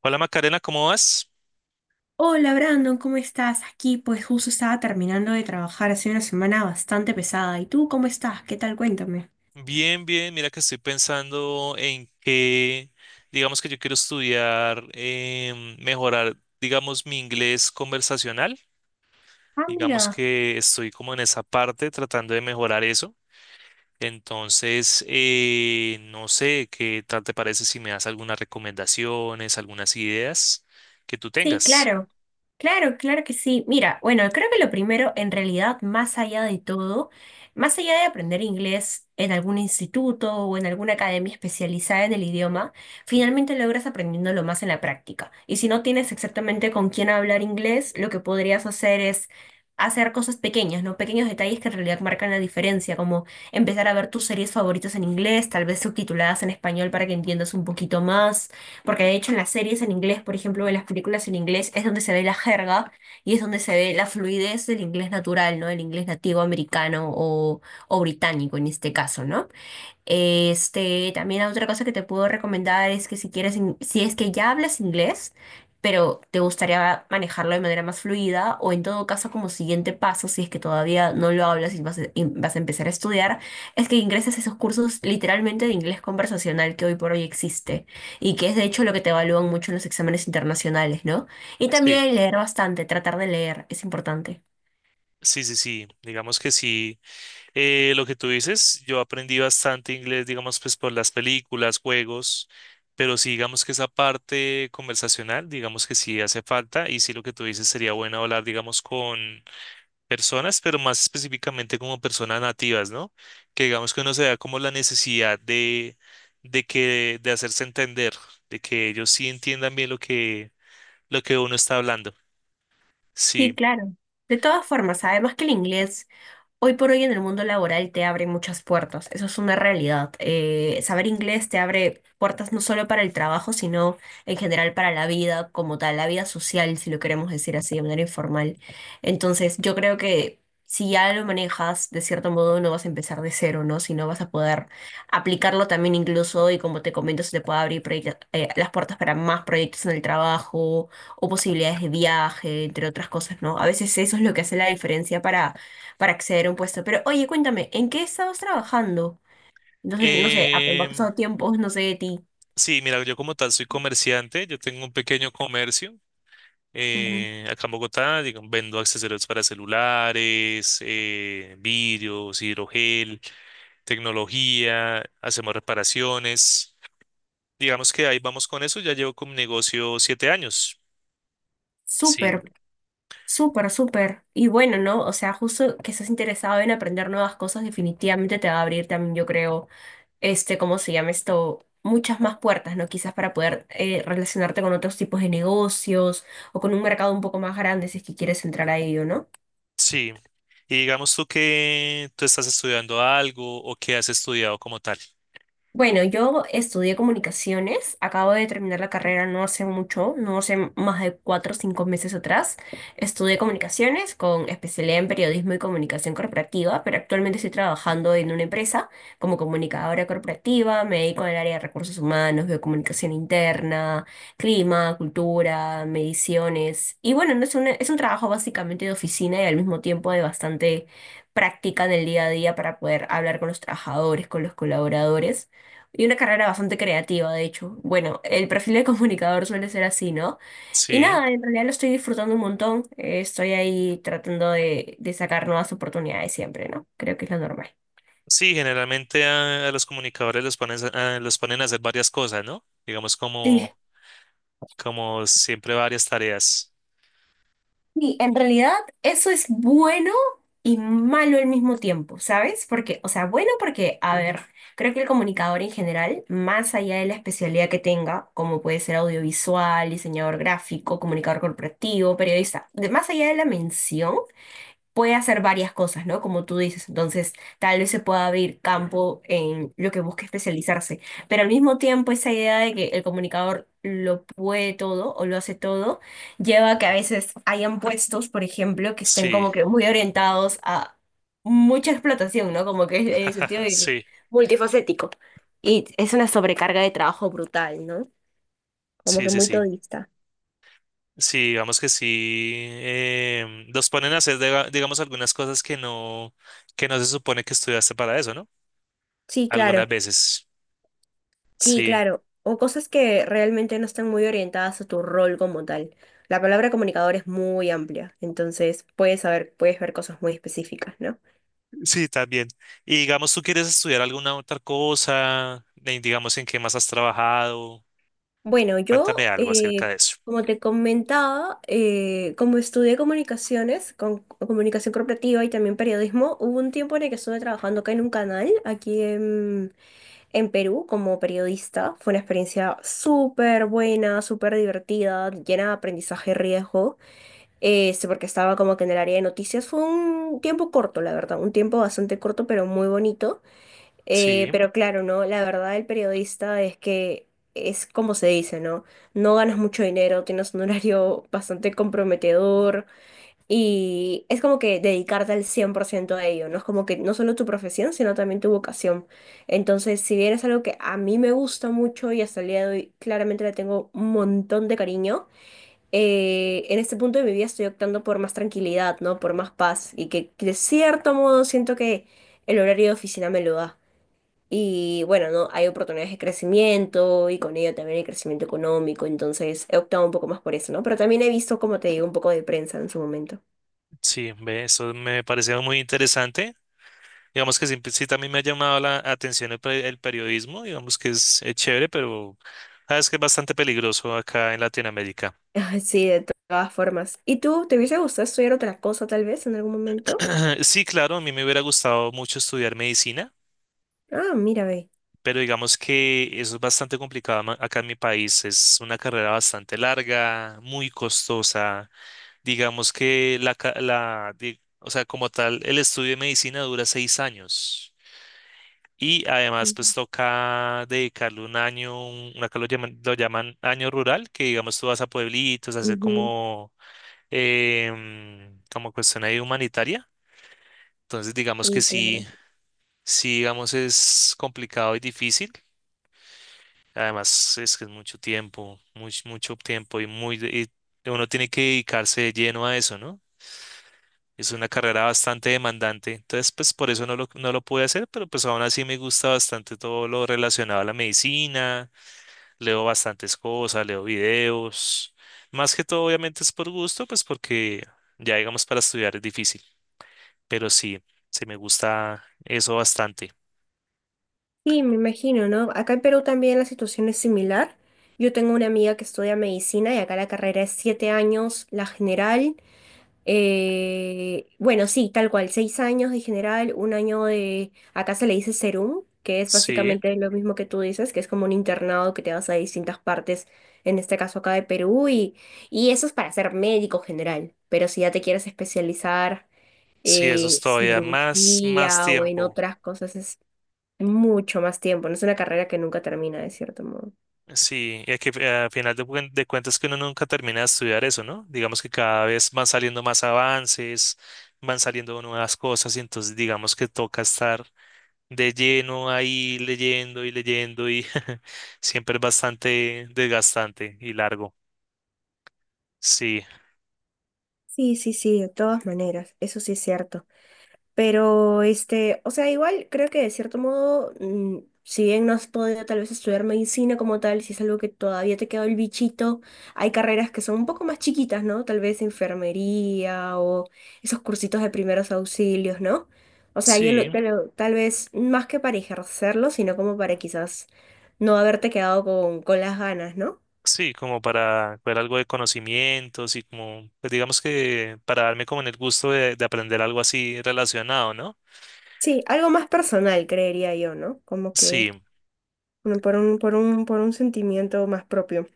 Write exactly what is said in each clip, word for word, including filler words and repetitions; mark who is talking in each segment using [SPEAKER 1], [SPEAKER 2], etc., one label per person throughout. [SPEAKER 1] Hola Macarena, ¿cómo vas?
[SPEAKER 2] Hola Brandon, ¿cómo estás? Aquí pues justo estaba terminando de trabajar, ha sido una semana bastante pesada. ¿Y tú cómo estás? ¿Qué tal? Cuéntame.
[SPEAKER 1] Bien, bien. Mira que estoy pensando en que, digamos que yo quiero estudiar, em, mejorar, digamos, mi inglés conversacional.
[SPEAKER 2] Ah,
[SPEAKER 1] Digamos
[SPEAKER 2] mira.
[SPEAKER 1] que estoy como en esa parte tratando de mejorar eso. Entonces, eh, no sé qué tal te parece si me das algunas recomendaciones, algunas ideas que tú
[SPEAKER 2] Sí,
[SPEAKER 1] tengas.
[SPEAKER 2] claro. Claro, claro que sí. Mira, bueno, creo que lo primero, en realidad, más allá de todo, más allá de aprender inglés en algún instituto o en alguna academia especializada en el idioma, finalmente logras aprendiéndolo más en la práctica. Y si no tienes exactamente con quién hablar inglés, lo que podrías hacer es hacer cosas pequeñas, ¿no? Pequeños detalles que en realidad marcan la diferencia, como empezar a ver tus series favoritas en inglés, tal vez subtituladas en español para que entiendas un poquito más porque de hecho en las series en inglés, por ejemplo, en las películas en inglés es donde se ve la jerga y es donde se ve la fluidez del inglés natural, ¿no? El inglés nativo americano o, o británico en este caso, ¿no? Este, también otra cosa que te puedo recomendar es que si quieres, in- si es que ya hablas inglés, pero te gustaría manejarlo de manera más fluida, o en todo caso como siguiente paso, si es que todavía no lo hablas y vas a, y vas a empezar a estudiar, es que ingreses a esos cursos literalmente de inglés conversacional que hoy por hoy existe y que es de hecho lo que te evalúan mucho en los exámenes internacionales, ¿no? Y
[SPEAKER 1] Sí,
[SPEAKER 2] también leer bastante, tratar de leer, es importante.
[SPEAKER 1] sí, sí, sí. Digamos que sí. Eh, lo que tú dices, yo aprendí bastante inglés, digamos, pues por las películas, juegos, pero sí, digamos que esa parte conversacional, digamos que sí hace falta y sí lo que tú dices sería bueno hablar, digamos, con personas, pero más específicamente como personas nativas, ¿no? Que digamos que uno se da como la necesidad de, de que, de hacerse entender, de que ellos sí entiendan bien lo que, lo que uno está hablando.
[SPEAKER 2] Sí,
[SPEAKER 1] Sí.
[SPEAKER 2] claro. De todas formas, además que el inglés... Hoy por hoy en el mundo laboral te abre muchas puertas, eso es una realidad. Eh, saber inglés te abre puertas no solo para el trabajo, sino en general para la vida como tal, la vida social, si lo queremos decir así de manera informal. Entonces, yo creo que si ya lo manejas, de cierto modo no vas a empezar de cero, ¿no? Sino vas a poder aplicarlo también incluso y como te comento, se te puede abrir proyectos- eh, las puertas para más proyectos en el trabajo o posibilidades de viaje, entre otras cosas, ¿no? A veces eso es lo que hace la diferencia para para acceder a un puesto. Pero oye, cuéntame, ¿en qué estabas trabajando? No sé, no sé, ha, ha
[SPEAKER 1] Em,
[SPEAKER 2] pasado tiempo, no sé de ti.
[SPEAKER 1] sí, mira, yo como tal soy comerciante, yo tengo un pequeño comercio.
[SPEAKER 2] Ujú.
[SPEAKER 1] Eh, acá en Bogotá, digamos, vendo accesorios para celulares, eh, vidrios, hidrogel, tecnología, hacemos reparaciones. Digamos que ahí vamos con eso, ya llevo con mi negocio siete años. Sí,
[SPEAKER 2] Súper, súper, súper. Y bueno, ¿no? O sea, justo que estás interesado en aprender nuevas cosas, definitivamente te va a abrir también, yo creo, este, ¿cómo se llama esto? Muchas más puertas, ¿no? Quizás para poder eh, relacionarte con otros tipos de negocios o con un mercado un poco más grande si es que quieres entrar a ello, ¿no?
[SPEAKER 1] sí. Y digamos tú que tú estás estudiando algo o que has estudiado como tal.
[SPEAKER 2] Bueno, yo estudié comunicaciones, acabo de terminar la carrera no hace mucho, no hace más de cuatro o cinco meses atrás. Estudié comunicaciones con especialidad en periodismo y comunicación corporativa, pero actualmente estoy trabajando en una empresa como comunicadora corporativa, me dedico al área de recursos humanos, veo comunicación interna, clima, cultura, mediciones. Y bueno, no es un, es un trabajo básicamente de oficina y al mismo tiempo de bastante práctica en el día a día para poder hablar con los trabajadores, con los colaboradores. Y una carrera bastante creativa, de hecho. Bueno, el perfil de comunicador suele ser así, ¿no? Y
[SPEAKER 1] Sí,
[SPEAKER 2] nada, en realidad lo estoy disfrutando un montón. Eh, estoy ahí tratando de, de sacar nuevas oportunidades siempre, ¿no? Creo que es lo normal.
[SPEAKER 1] sí, generalmente a, a los comunicadores los ponen, a, a- los ponen a hacer varias cosas, ¿no? Digamos
[SPEAKER 2] Sí.
[SPEAKER 1] como, como siempre varias tareas.
[SPEAKER 2] Y en realidad eso es bueno y malo al mismo tiempo, ¿sabes? Porque, o sea, bueno porque, a ver, creo que el comunicador en general, más allá de la especialidad que tenga, como puede ser audiovisual, diseñador gráfico, comunicador corporativo, periodista, de- más allá de la mención, puede hacer varias cosas, ¿no? Como tú dices, entonces tal vez se pueda abrir campo en lo que busque especializarse, pero al mismo tiempo esa idea de que el comunicador lo puede todo o lo hace todo, lleva a que a veces hayan puestos, por ejemplo, que estén
[SPEAKER 1] Sí,
[SPEAKER 2] como que muy orientados a mucha explotación, ¿no? Como que en el sentido de que
[SPEAKER 1] sí.
[SPEAKER 2] multifacético. Y es una sobrecarga de trabajo brutal, ¿no? Como
[SPEAKER 1] Sí,
[SPEAKER 2] que
[SPEAKER 1] sí,
[SPEAKER 2] muy
[SPEAKER 1] sí.
[SPEAKER 2] todista.
[SPEAKER 1] Sí, digamos que sí. Em, los ponen a hacer, diga- digamos, algunas cosas que no, que no se supone que estudiaste para eso, ¿no?
[SPEAKER 2] Sí,
[SPEAKER 1] Algunas
[SPEAKER 2] claro.
[SPEAKER 1] veces.
[SPEAKER 2] Sí,
[SPEAKER 1] Sí,
[SPEAKER 2] claro. O cosas que realmente no están muy orientadas a tu rol como tal. La palabra comunicador es muy amplia, entonces puedes saber, puedes ver cosas muy específicas, ¿no?
[SPEAKER 1] sí, también. Y digamos, ¿tú quieres estudiar alguna otra cosa? Eh, Digamos, ¿en qué más has trabajado?
[SPEAKER 2] Bueno,
[SPEAKER 1] Cuéntame
[SPEAKER 2] yo,
[SPEAKER 1] algo acerca
[SPEAKER 2] eh,
[SPEAKER 1] de eso.
[SPEAKER 2] como te comentaba, eh, como estudié comunicaciones, con, comunicación corporativa y también periodismo, hubo un tiempo en el que estuve trabajando acá en un canal, aquí en, en Perú, como periodista. Fue una experiencia súper buena, súper divertida, llena de aprendizaje y riesgo. Este, porque estaba como que en el área de noticias. Fue un tiempo corto, la verdad, un tiempo bastante corto, pero muy bonito. Eh,
[SPEAKER 1] Sí,
[SPEAKER 2] pero claro, ¿no? La verdad, el periodista es que es como se dice, ¿no? No ganas mucho dinero, tienes un horario bastante comprometedor y es como que dedicarte al cien por ciento a ello, ¿no? Es como que no solo tu profesión, sino también tu vocación. Entonces, si bien es algo que a mí me gusta mucho y hasta el día de hoy claramente le tengo un montón de cariño, eh, en este punto de mi vida estoy optando por más tranquilidad, ¿no? Por más paz y que de cierto modo siento que el horario de oficina me lo da. Y bueno, ¿no? Hay oportunidades de crecimiento y con ello también hay crecimiento económico, entonces he optado un poco más por eso, ¿no? Pero también he visto, como te digo, un poco de prensa en su momento.
[SPEAKER 1] sí, ve, eso me pareció muy interesante. Digamos que siempre- sí, también me ha llamado la atención el, pe- el periodismo, digamos que es, eh, chévere, pero sabes que es bastante peligroso acá en Latinoamérica.
[SPEAKER 2] Ay, sí, de to- todas formas. ¿Y tú, te hubiese gustado estudiar otra cosa tal vez en algún momento?
[SPEAKER 1] Sí, claro, a mí me hubiera gustado mucho estudiar medicina,
[SPEAKER 2] Ah, mira, ve.
[SPEAKER 1] pero digamos que eso es bastante complicado ma- acá en mi país. Es una carrera bastante larga, muy costosa. Digamos que la, ca- la, di- o sea, como tal, el estudio de medicina dura seis años. Y además, pues toca dedicarle un año, un- una que lo llaman, lo llaman año rural, que digamos tú vas a pueblitos a hacer
[SPEAKER 2] Ujú,
[SPEAKER 1] como, em, como cuestión ahí humanitaria. Entonces, digamos que
[SPEAKER 2] sí,
[SPEAKER 1] sí.
[SPEAKER 2] claro.
[SPEAKER 1] Sí, digamos, es complicado y difícil. Además, es que es mucho tiempo, mucho, mucho tiempo y muy, de- y uno tiene que dedicarse de lleno a eso, ¿no? Es una carrera bastante demandante. Entonces, pues por eso no lo, no lo pude hacer, pero pues aún así me gusta bastante todo lo relacionado a la medicina. Leo bastantes cosas, leo videos. Más que todo, obviamente, es por gusto, pues porque ya, digamos, para estudiar es difícil. Pero sí, sí me gusta eso bastante.
[SPEAKER 2] Sí, me imagino, ¿no? Acá en Perú también la situación es similar. Yo tengo una amiga que estudia medicina y acá la carrera es siete años, la general. Eh, bueno, sí, tal cual, seis años de general, un año de, acá se le dice serum, que es
[SPEAKER 1] Sí.
[SPEAKER 2] básicamente lo mismo que tú dices, que es como un internado que te vas a distintas partes, en este caso acá de Perú, y, y eso es para ser médico general. Pero si ya te quieres especializar
[SPEAKER 1] Sí, eso
[SPEAKER 2] en
[SPEAKER 1] es todavía más, más
[SPEAKER 2] cirugía o en
[SPEAKER 1] tiempo.
[SPEAKER 2] otras cosas, mucho más tiempo. No es una carrera que nunca termina, de cierto modo.
[SPEAKER 1] Sí, y que eh, a final de, cuen- de cuentas que uno nunca termina de estudiar eso, ¿no? Digamos que cada vez van saliendo más avances, van saliendo nuevas cosas y entonces digamos que toca estar de lleno ahí leyendo y leyendo y siempre es bastante desgastante y largo. Sí,
[SPEAKER 2] Sí, sí, sí, de todas maneras, eso sí es cierto. Pero, este, o sea, igual creo que de cierto modo, mm, si bien no has podido tal vez estudiar medicina como tal, si es algo que todavía te quedó el bichito, hay carreras que son un poco más chiquitas, ¿no? Tal vez enfermería o esos cursitos de primeros auxilios, ¿no? O sea, yo
[SPEAKER 1] sí,
[SPEAKER 2] lo- te lo- tal vez más que para ejercerlo, sino como para quizás no haberte quedado con, con las ganas, ¿no?
[SPEAKER 1] sí, como para ver algo de conocimientos y como, pues digamos que para darme como en el gusto de de aprender algo así relacionado, ¿no?
[SPEAKER 2] Sí, algo más personal, creería yo, ¿no? Como que
[SPEAKER 1] Sí.
[SPEAKER 2] bueno, por un, por un, por un sentimiento más propio.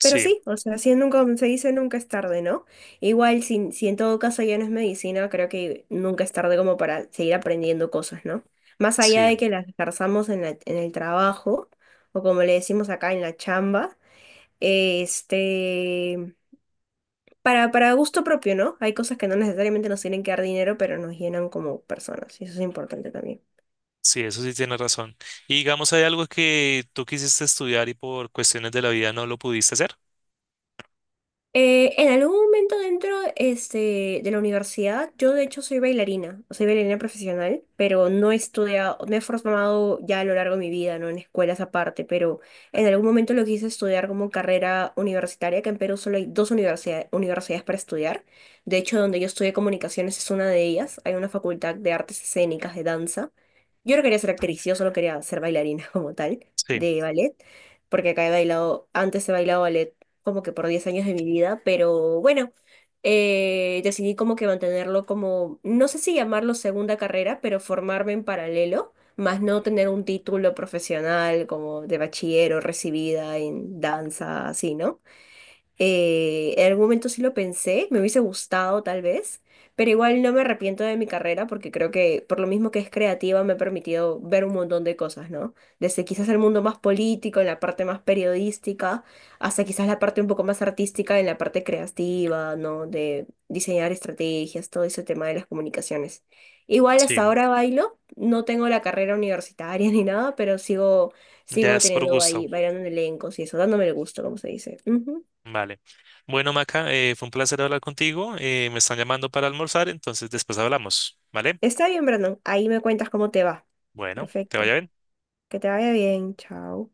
[SPEAKER 2] Pero sí, o sea, si nunca, se dice nunca es tarde, ¿no? Igual, si, si en todo caso ya no es medicina, creo que nunca es tarde como para seguir aprendiendo cosas, ¿no? Más allá
[SPEAKER 1] sí,
[SPEAKER 2] de que las ejerzamos en la- en el trabajo, o como le decimos acá en la chamba, este, para, para gusto propio, ¿no? Hay cosas que no necesariamente nos tienen que dar dinero, pero nos llenan como personas, y eso es importante también.
[SPEAKER 1] sí, eso sí tiene razón. Y digamos, ¿hay algo que tú quisiste estudiar y por cuestiones de la vida no lo pudiste hacer?
[SPEAKER 2] Eh, en algún momento dentro este, de la universidad, yo de hecho soy bailarina, soy bailarina profesional, pero no he estudiado, me he formado ya a lo largo de mi vida, ¿no? En escuelas aparte, pero en algún momento lo quise estudiar como carrera universitaria, que en Perú solo hay dos universidades, universidades para estudiar. De hecho, donde yo estudié comunicaciones es una de ellas, hay una facultad de artes escénicas, de danza. Yo no quería ser actriz, yo solo quería ser bailarina como tal,
[SPEAKER 1] Sí,
[SPEAKER 2] de ballet, porque acá he bailado, antes he bailado ballet como que por diez años de mi vida, pero bueno, eh, decidí como que mantenerlo como, no sé si llamarlo segunda carrera, pero formarme en paralelo, más no tener un título profesional como de bachiller o recibida en danza, así, ¿no? Eh, en algún momento sí lo pensé, me hubiese gustado tal vez, pero igual no me arrepiento de mi carrera porque creo que por lo mismo que es creativa me ha permitido ver un montón de cosas, ¿no? Desde quizás el mundo más político, en la parte más periodística, hasta quizás la parte un poco más artística, en la parte creativa, ¿no? De diseñar estrategias, todo ese tema de las comunicaciones. Igual
[SPEAKER 1] sí,
[SPEAKER 2] hasta ahora bailo, no tengo la carrera universitaria ni nada, pero sigo,
[SPEAKER 1] ya
[SPEAKER 2] sigo
[SPEAKER 1] es por
[SPEAKER 2] teniendo
[SPEAKER 1] gusto.
[SPEAKER 2] ahí, bailando en elencos y eso, dándome el gusto, como se dice. Ujú.
[SPEAKER 1] Vale. Bueno, Maca, eh, fue un placer hablar contigo. Eh, me están llamando para almorzar, entonces después hablamos, ¿vale?
[SPEAKER 2] Está bien, Brandon. Ahí me cuentas cómo te va.
[SPEAKER 1] Bueno, te
[SPEAKER 2] Perfecto.
[SPEAKER 1] vaya bien.
[SPEAKER 2] Que te vaya bien. Chao.